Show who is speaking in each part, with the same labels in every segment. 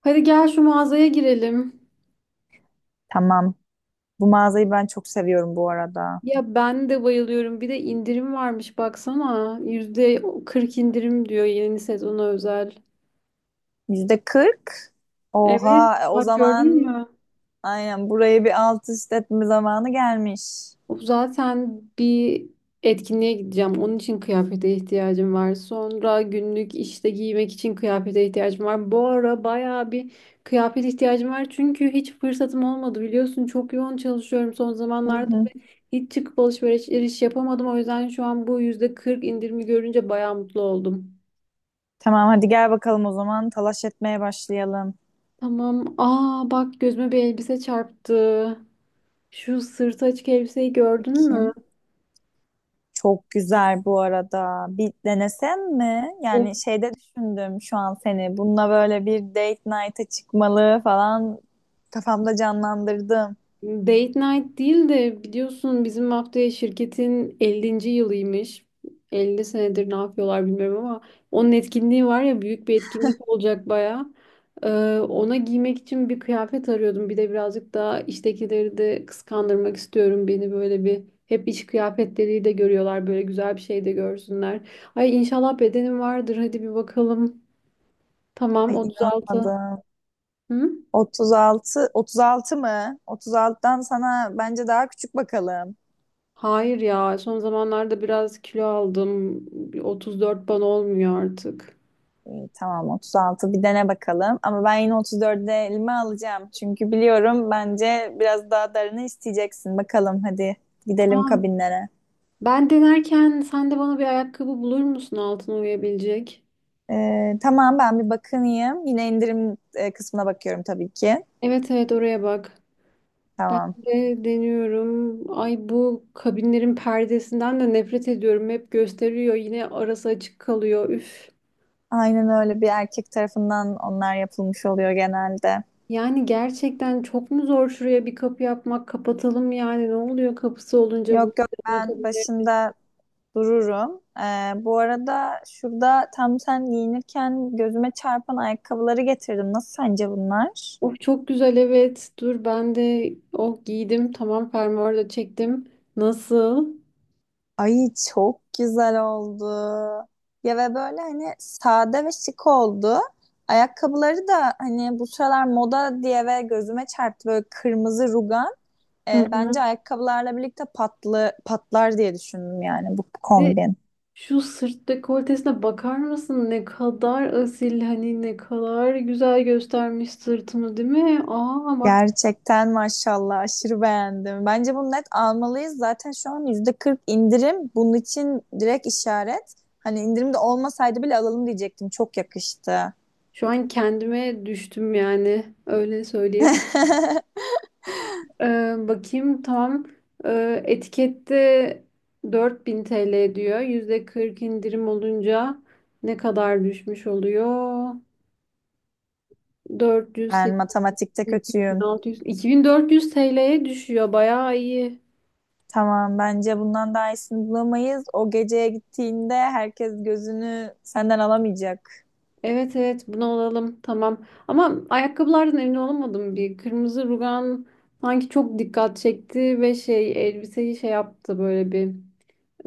Speaker 1: Hadi gel şu mağazaya girelim.
Speaker 2: Tamam. Bu mağazayı ben çok seviyorum bu arada.
Speaker 1: Ya ben de bayılıyorum. Bir de indirim varmış baksana. %40 indirim diyor yeni sezona özel.
Speaker 2: %40.
Speaker 1: Evet,
Speaker 2: Oha, o
Speaker 1: bak gördün
Speaker 2: zaman
Speaker 1: mü?
Speaker 2: aynen buraya bir alt üst etme zamanı gelmiş.
Speaker 1: Zaten bir etkinliğe gideceğim. Onun için kıyafete ihtiyacım var. Sonra günlük işte giymek için kıyafete ihtiyacım var. Bu ara bayağı bir kıyafet ihtiyacım var. Çünkü hiç fırsatım olmadı biliyorsun. Çok yoğun çalışıyorum son
Speaker 2: Hı
Speaker 1: zamanlarda.
Speaker 2: hı.
Speaker 1: Hiç çıkıp alışveriş yapamadım. O yüzden şu an bu yüzde 40 indirimi görünce bayağı mutlu oldum.
Speaker 2: Tamam, hadi gel bakalım o zaman talaş etmeye başlayalım.
Speaker 1: Tamam. Aa bak gözüme bir elbise çarptı. Şu sırtı açık elbiseyi gördün mü?
Speaker 2: Bakayım. Çok güzel bu arada. Bir denesem mi?
Speaker 1: O
Speaker 2: Yani şeyde düşündüm şu an seni. Bununla böyle bir date night'a çıkmalı falan kafamda canlandırdım.
Speaker 1: date night değil de biliyorsun bizim haftaya şirketin 50. yılıymış. 50 senedir ne yapıyorlar bilmiyorum ama onun etkinliği var ya büyük bir etkinlik olacak bayağı. Ee, ona giymek için bir kıyafet arıyordum. Bir de birazcık daha iştekileri de kıskandırmak istiyorum. Beni böyle bir hep iş kıyafetleriyle de görüyorlar. Böyle güzel bir şey de görsünler. Ay inşallah bedenim vardır. Hadi bir bakalım. Tamam
Speaker 2: Ay,
Speaker 1: 36.
Speaker 2: inanamadım.
Speaker 1: Hı?
Speaker 2: 36, 36 mı? 36'dan sana bence daha küçük bakalım.
Speaker 1: Hayır ya son zamanlarda biraz kilo aldım. Bir 34 bana olmuyor artık.
Speaker 2: İyi, tamam 36. Bir dene bakalım. Ama ben yine 34'e elime alacağım. Çünkü biliyorum, bence biraz daha darını isteyeceksin. Bakalım, hadi gidelim
Speaker 1: Tamam.
Speaker 2: kabinlere.
Speaker 1: Ben denerken sen de bana bir ayakkabı bulur musun altına uyabilecek?
Speaker 2: Tamam, ben bir bakınayım. Yine indirim kısmına bakıyorum tabii ki.
Speaker 1: Evet evet oraya bak. Ben
Speaker 2: Tamam.
Speaker 1: de deniyorum. Ay bu kabinlerin perdesinden de nefret ediyorum. Hep gösteriyor. Yine arası açık kalıyor. Üf.
Speaker 2: Aynen, öyle bir erkek tarafından onlar yapılmış oluyor genelde.
Speaker 1: Yani gerçekten çok mu zor şuraya bir kapı yapmak? Kapatalım yani. Ne oluyor kapısı olunca bu
Speaker 2: Yok yok,
Speaker 1: dönme
Speaker 2: ben
Speaker 1: kabinleri?
Speaker 2: başında dururum. Bu arada şurada tam sen giyinirken gözüme çarpan ayakkabıları getirdim. Nasıl, sence bunlar?
Speaker 1: Of çok güzel evet. Dur ben de oh giydim. Tamam fermuarı da çektim. Nasıl?
Speaker 2: Ay, çok güzel oldu. Ya ve böyle hani sade ve şık oldu. Ayakkabıları da hani bu sıralar moda diye ve gözüme çarptı böyle kırmızı rugan.
Speaker 1: Hı hı.
Speaker 2: Bence ayakkabılarla birlikte patlı patlar diye düşündüm, yani bu
Speaker 1: Bir de
Speaker 2: kombin.
Speaker 1: şu sırt dekoltesine bakar mısın? Ne kadar asil hani ne kadar güzel göstermiş sırtımı değil mi? Aa bak
Speaker 2: Gerçekten maşallah aşırı beğendim. Bence bunu net almalıyız. Zaten şu an %40 indirim. Bunun için direkt işaret. Hani indirim de olmasaydı bile alalım diyecektim. Çok yakıştı.
Speaker 1: şu an kendime düştüm yani öyle söyleyebilirim. Bakayım tam etikette 4.000 TL diyor. %40 indirim olunca ne kadar düşmüş oluyor? 400,
Speaker 2: Ben matematikte
Speaker 1: 800,
Speaker 2: kötüyüm.
Speaker 1: 1.600, 2.400 TL'ye düşüyor. Bayağı iyi.
Speaker 2: Tamam, bence bundan daha iyisini bulamayız. O geceye gittiğinde herkes gözünü senden alamayacak.
Speaker 1: Evet evet bunu alalım tamam. Ama ayakkabılardan emin olamadım bir. Kırmızı rugan sanki çok dikkat çekti ve şey elbiseyi şey yaptı böyle bir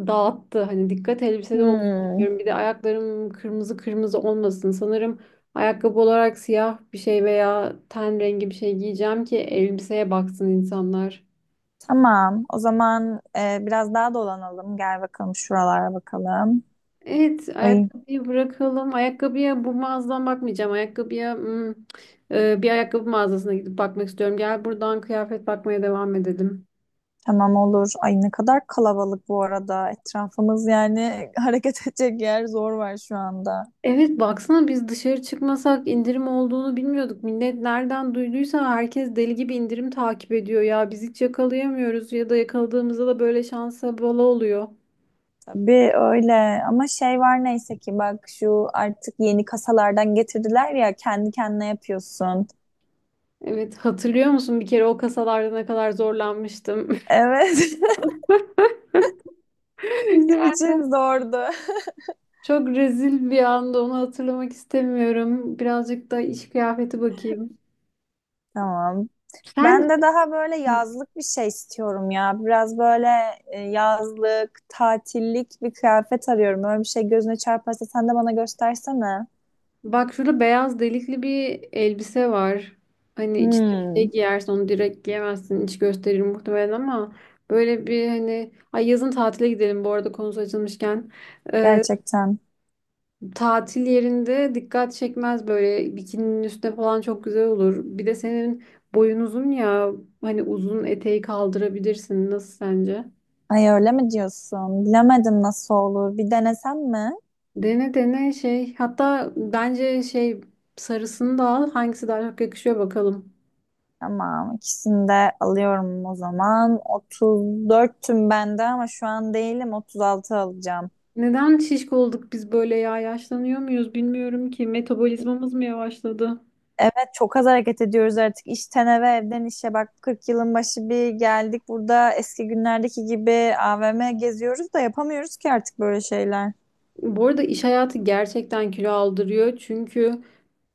Speaker 1: dağıttı. Hani dikkat elbisede olsun
Speaker 2: Hmm,
Speaker 1: istiyorum. Bir de ayaklarım kırmızı kırmızı olmasın. Sanırım ayakkabı olarak siyah bir şey veya ten rengi bir şey giyeceğim ki elbiseye baksın insanlar.
Speaker 2: tamam. O zaman biraz daha dolanalım. Gel bakalım, şuralara bakalım.
Speaker 1: Evet,
Speaker 2: Ay,
Speaker 1: ayakkabıyı bırakalım. Ayakkabıya bu mağazadan bakmayacağım. Ayakkabıya bir ayakkabı mağazasına gidip bakmak istiyorum. Gel buradan kıyafet bakmaya devam edelim.
Speaker 2: tamam olur. Ay, ne kadar kalabalık bu arada. Etrafımız yani hareket edecek yer zor var şu anda.
Speaker 1: Evet, baksana biz dışarı çıkmasak indirim olduğunu bilmiyorduk. Millet nereden duyduysa herkes deli gibi indirim takip ediyor ya. Biz hiç yakalayamıyoruz ya da yakaladığımızda da böyle şansa bala oluyor.
Speaker 2: Tabii öyle, ama şey var neyse ki bak, şu artık yeni kasalardan getirdiler ya, kendi kendine yapıyorsun.
Speaker 1: Evet, hatırlıyor musun bir kere o kasalarda ne kadar zorlanmıştım?
Speaker 2: Evet. Bizim için zordu.
Speaker 1: Çok rezil bir anda onu hatırlamak istemiyorum. Birazcık da iş kıyafeti bakayım.
Speaker 2: Tamam. Ben
Speaker 1: Sen
Speaker 2: de daha böyle yazlık bir şey istiyorum ya. Biraz böyle yazlık, tatillik bir kıyafet arıyorum. Öyle bir şey gözüne çarparsa sen de bana göstersene.
Speaker 1: bak şurada beyaz delikli bir elbise var. Hani içine bir şey
Speaker 2: Hmm,
Speaker 1: giyersin onu direkt giyemezsin. İç gösterir muhtemelen ama böyle bir hani ay yazın tatile gidelim bu arada konusu açılmışken. Ee,
Speaker 2: gerçekten.
Speaker 1: tatil yerinde dikkat çekmez böyle bikininin üstüne falan çok güzel olur. Bir de senin boyun uzun ya hani uzun eteği kaldırabilirsin. Nasıl sence?
Speaker 2: Ay, öyle mi diyorsun? Bilemedim nasıl olur. Bir denesem mi?
Speaker 1: Dene dene şey hatta bence şey sarısını da al hangisi daha çok yakışıyor bakalım.
Speaker 2: Tamam, ikisini de alıyorum o zaman. 34'tüm bende, ama şu an değilim. 36 alacağım.
Speaker 1: Neden şişko olduk biz böyle ya yaşlanıyor muyuz bilmiyorum ki metabolizmamız mı yavaşladı?
Speaker 2: Evet, çok az hareket ediyoruz artık. İşten eve, evden işe. Bak, 40 yılın başı bir geldik. Burada eski günlerdeki gibi AVM geziyoruz da yapamıyoruz ki artık böyle şeyler.
Speaker 1: Bu arada iş hayatı gerçekten kilo aldırıyor çünkü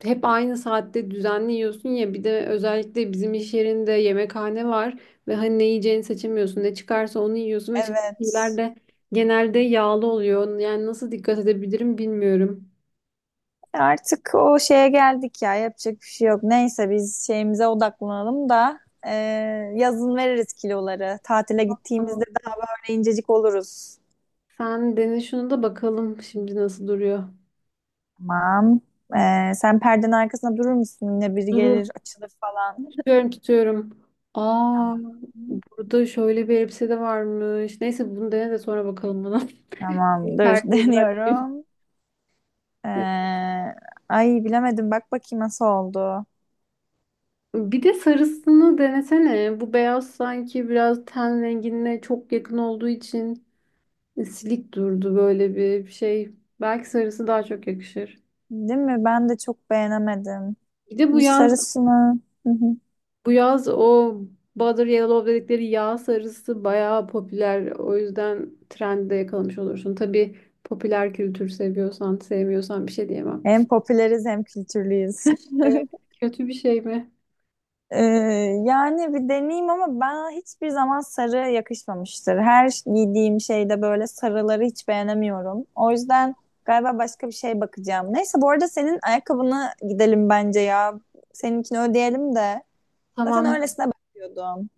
Speaker 1: hep aynı saatte düzenli yiyorsun ya bir de özellikle bizim iş yerinde yemekhane var ve hani ne yiyeceğini seçemiyorsun ne çıkarsa onu yiyorsun ve çıkan şeyler
Speaker 2: Evet.
Speaker 1: de genelde yağlı oluyor yani nasıl dikkat edebilirim bilmiyorum.
Speaker 2: Artık o şeye geldik ya, yapacak bir şey yok. Neyse, biz şeyimize odaklanalım da e, yazın veririz kiloları. Tatile gittiğimizde
Speaker 1: Tamam.
Speaker 2: daha böyle incecik oluruz.
Speaker 1: Sen dene şunu da bakalım şimdi nasıl duruyor.
Speaker 2: Tamam. Sen perdenin arkasında durur musun? Yine biri
Speaker 1: Durur.
Speaker 2: gelir açılır falan.
Speaker 1: Tutuyorum tutuyorum. Aa
Speaker 2: Tamam.
Speaker 1: burada şöyle bir elbise de varmış. Neyse bunu dene de sonra bakalım buna. Şimdi
Speaker 2: Tamam, dur,
Speaker 1: perdeyi bırakayım.
Speaker 2: deniyorum. E, ay, bilemedim, bak bakayım nasıl oldu.
Speaker 1: Bir de sarısını denesene. Bu beyaz sanki biraz ten rengine çok yakın olduğu için silik durdu böyle bir şey. Belki sarısı daha çok yakışır.
Speaker 2: Değil mi? Ben de çok beğenemedim.
Speaker 1: Bir de bu
Speaker 2: Bu
Speaker 1: yaz
Speaker 2: sarısını. Hı hı.
Speaker 1: bu yaz o Butter Yellow dedikleri yağ sarısı bayağı popüler. O yüzden trendi de yakalamış olursun. Tabii popüler kültür seviyorsan, sevmiyorsan bir şey diyemem.
Speaker 2: Hem popüleriz hem kültürlüyüz.
Speaker 1: Evet. Kötü bir şey mi?
Speaker 2: Ee, yani bir deneyeyim, ama bana hiçbir zaman sarı yakışmamıştır. Her giydiğim şeyde böyle sarıları hiç beğenemiyorum. O yüzden galiba başka bir şey bakacağım. Neyse, bu arada senin ayakkabını gidelim bence ya. Seninkini ödeyelim de. Zaten
Speaker 1: Tamam,
Speaker 2: öylesine bakıyordum.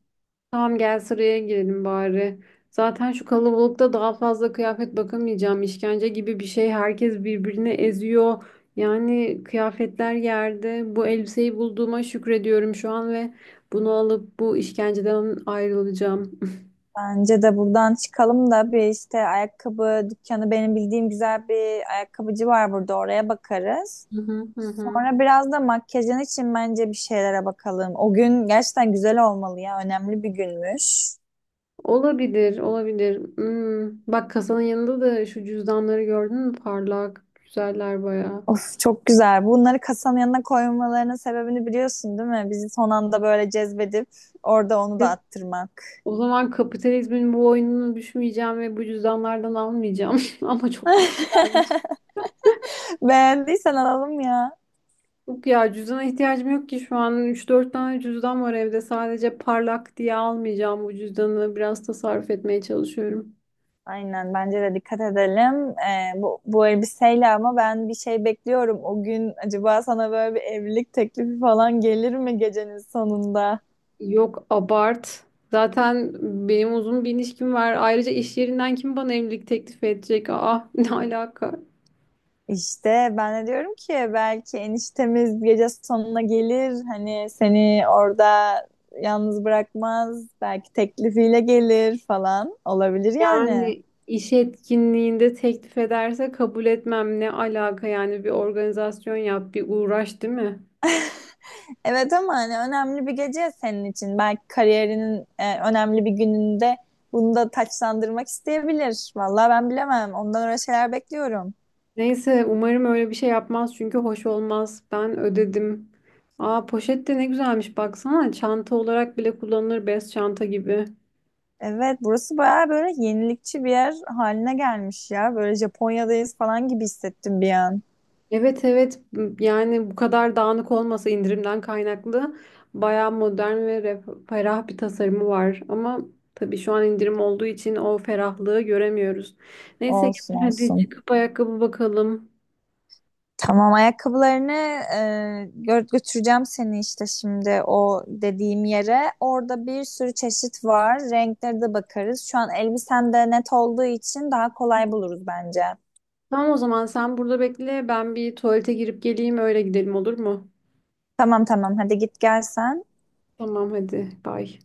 Speaker 1: tamam gel sıraya girelim bari. Zaten şu kalabalıkta daha fazla kıyafet bakamayacağım. İşkence gibi bir şey. Herkes birbirini eziyor. Yani kıyafetler yerde. Bu elbiseyi bulduğuma şükrediyorum şu an ve bunu alıp bu işkenceden ayrılacağım.
Speaker 2: Bence de buradan çıkalım da, bir işte ayakkabı dükkanı, benim bildiğim güzel bir ayakkabıcı var burada, oraya bakarız.
Speaker 1: Hı hı hı. Hı.
Speaker 2: Sonra biraz da makyajın için bence bir şeylere bakalım. O gün gerçekten güzel olmalı ya. Önemli bir günmüş.
Speaker 1: Olabilir, olabilir. Bak kasanın yanında da şu cüzdanları gördün mü? Parlak, güzeller bayağı.
Speaker 2: Of, çok güzel. Bunları kasanın yanına koymalarının sebebini biliyorsun değil mi? Bizi son anda böyle cezbedip orada onu da
Speaker 1: Evet.
Speaker 2: attırmak.
Speaker 1: O zaman kapitalizmin bu oyununu düşmeyeceğim ve bu cüzdanlardan almayacağım. Ama çok güzellermiş.
Speaker 2: Beğendiysen alalım ya.
Speaker 1: Yok ya cüzdana ihtiyacım yok ki şu an üç dört tane cüzdan var evde. Sadece parlak diye almayacağım bu cüzdanı. Biraz tasarruf etmeye çalışıyorum.
Speaker 2: Aynen, bence de dikkat edelim. Bu elbiseyle ama ben bir şey bekliyorum. O gün acaba sana böyle bir evlilik teklifi falan gelir mi gecenin sonunda?
Speaker 1: Yok abart. Zaten benim uzun bir ilişkim var. Ayrıca iş yerinden kim bana evlilik teklifi edecek? Aa ne alaka?
Speaker 2: İşte, ben de diyorum ki belki eniştemiz gece sonuna gelir, hani seni orada yalnız bırakmaz, belki teklifiyle gelir falan, olabilir yani.
Speaker 1: Yani iş etkinliğinde teklif ederse kabul etmem ne alaka yani bir organizasyon yap bir uğraş değil mi?
Speaker 2: Evet, ama hani önemli bir gece senin için, belki kariyerinin önemli bir gününde bunu da taçlandırmak isteyebilir. Vallahi ben bilemem, ondan öyle şeyler bekliyorum.
Speaker 1: Neyse umarım öyle bir şey yapmaz çünkü hoş olmaz. Ben ödedim. Aa poşet de ne güzelmiş baksana çanta olarak bile kullanılır bez çanta gibi.
Speaker 2: Evet, burası bayağı böyle yenilikçi bir yer haline gelmiş ya, böyle Japonya'dayız falan gibi hissettim bir an.
Speaker 1: Evet evet yani bu kadar dağınık olmasa indirimden kaynaklı bayağı modern ve ferah bir tasarımı var. Ama tabii şu an indirim olduğu için o ferahlığı göremiyoruz. Neyse
Speaker 2: Olsun
Speaker 1: gel hadi
Speaker 2: olsun.
Speaker 1: çıkıp ayakkabı bakalım.
Speaker 2: Tamam, ayakkabılarını e, götüreceğim seni işte şimdi o dediğim yere. Orada bir sürü çeşit var. Renkleri de bakarız. Şu an elbisen de net olduğu için daha kolay buluruz bence.
Speaker 1: Tamam o zaman sen burada bekle ben bir tuvalete girip geleyim öyle gidelim olur mu?
Speaker 2: Tamam tamam, hadi git gel sen.
Speaker 1: Tamam hadi bay.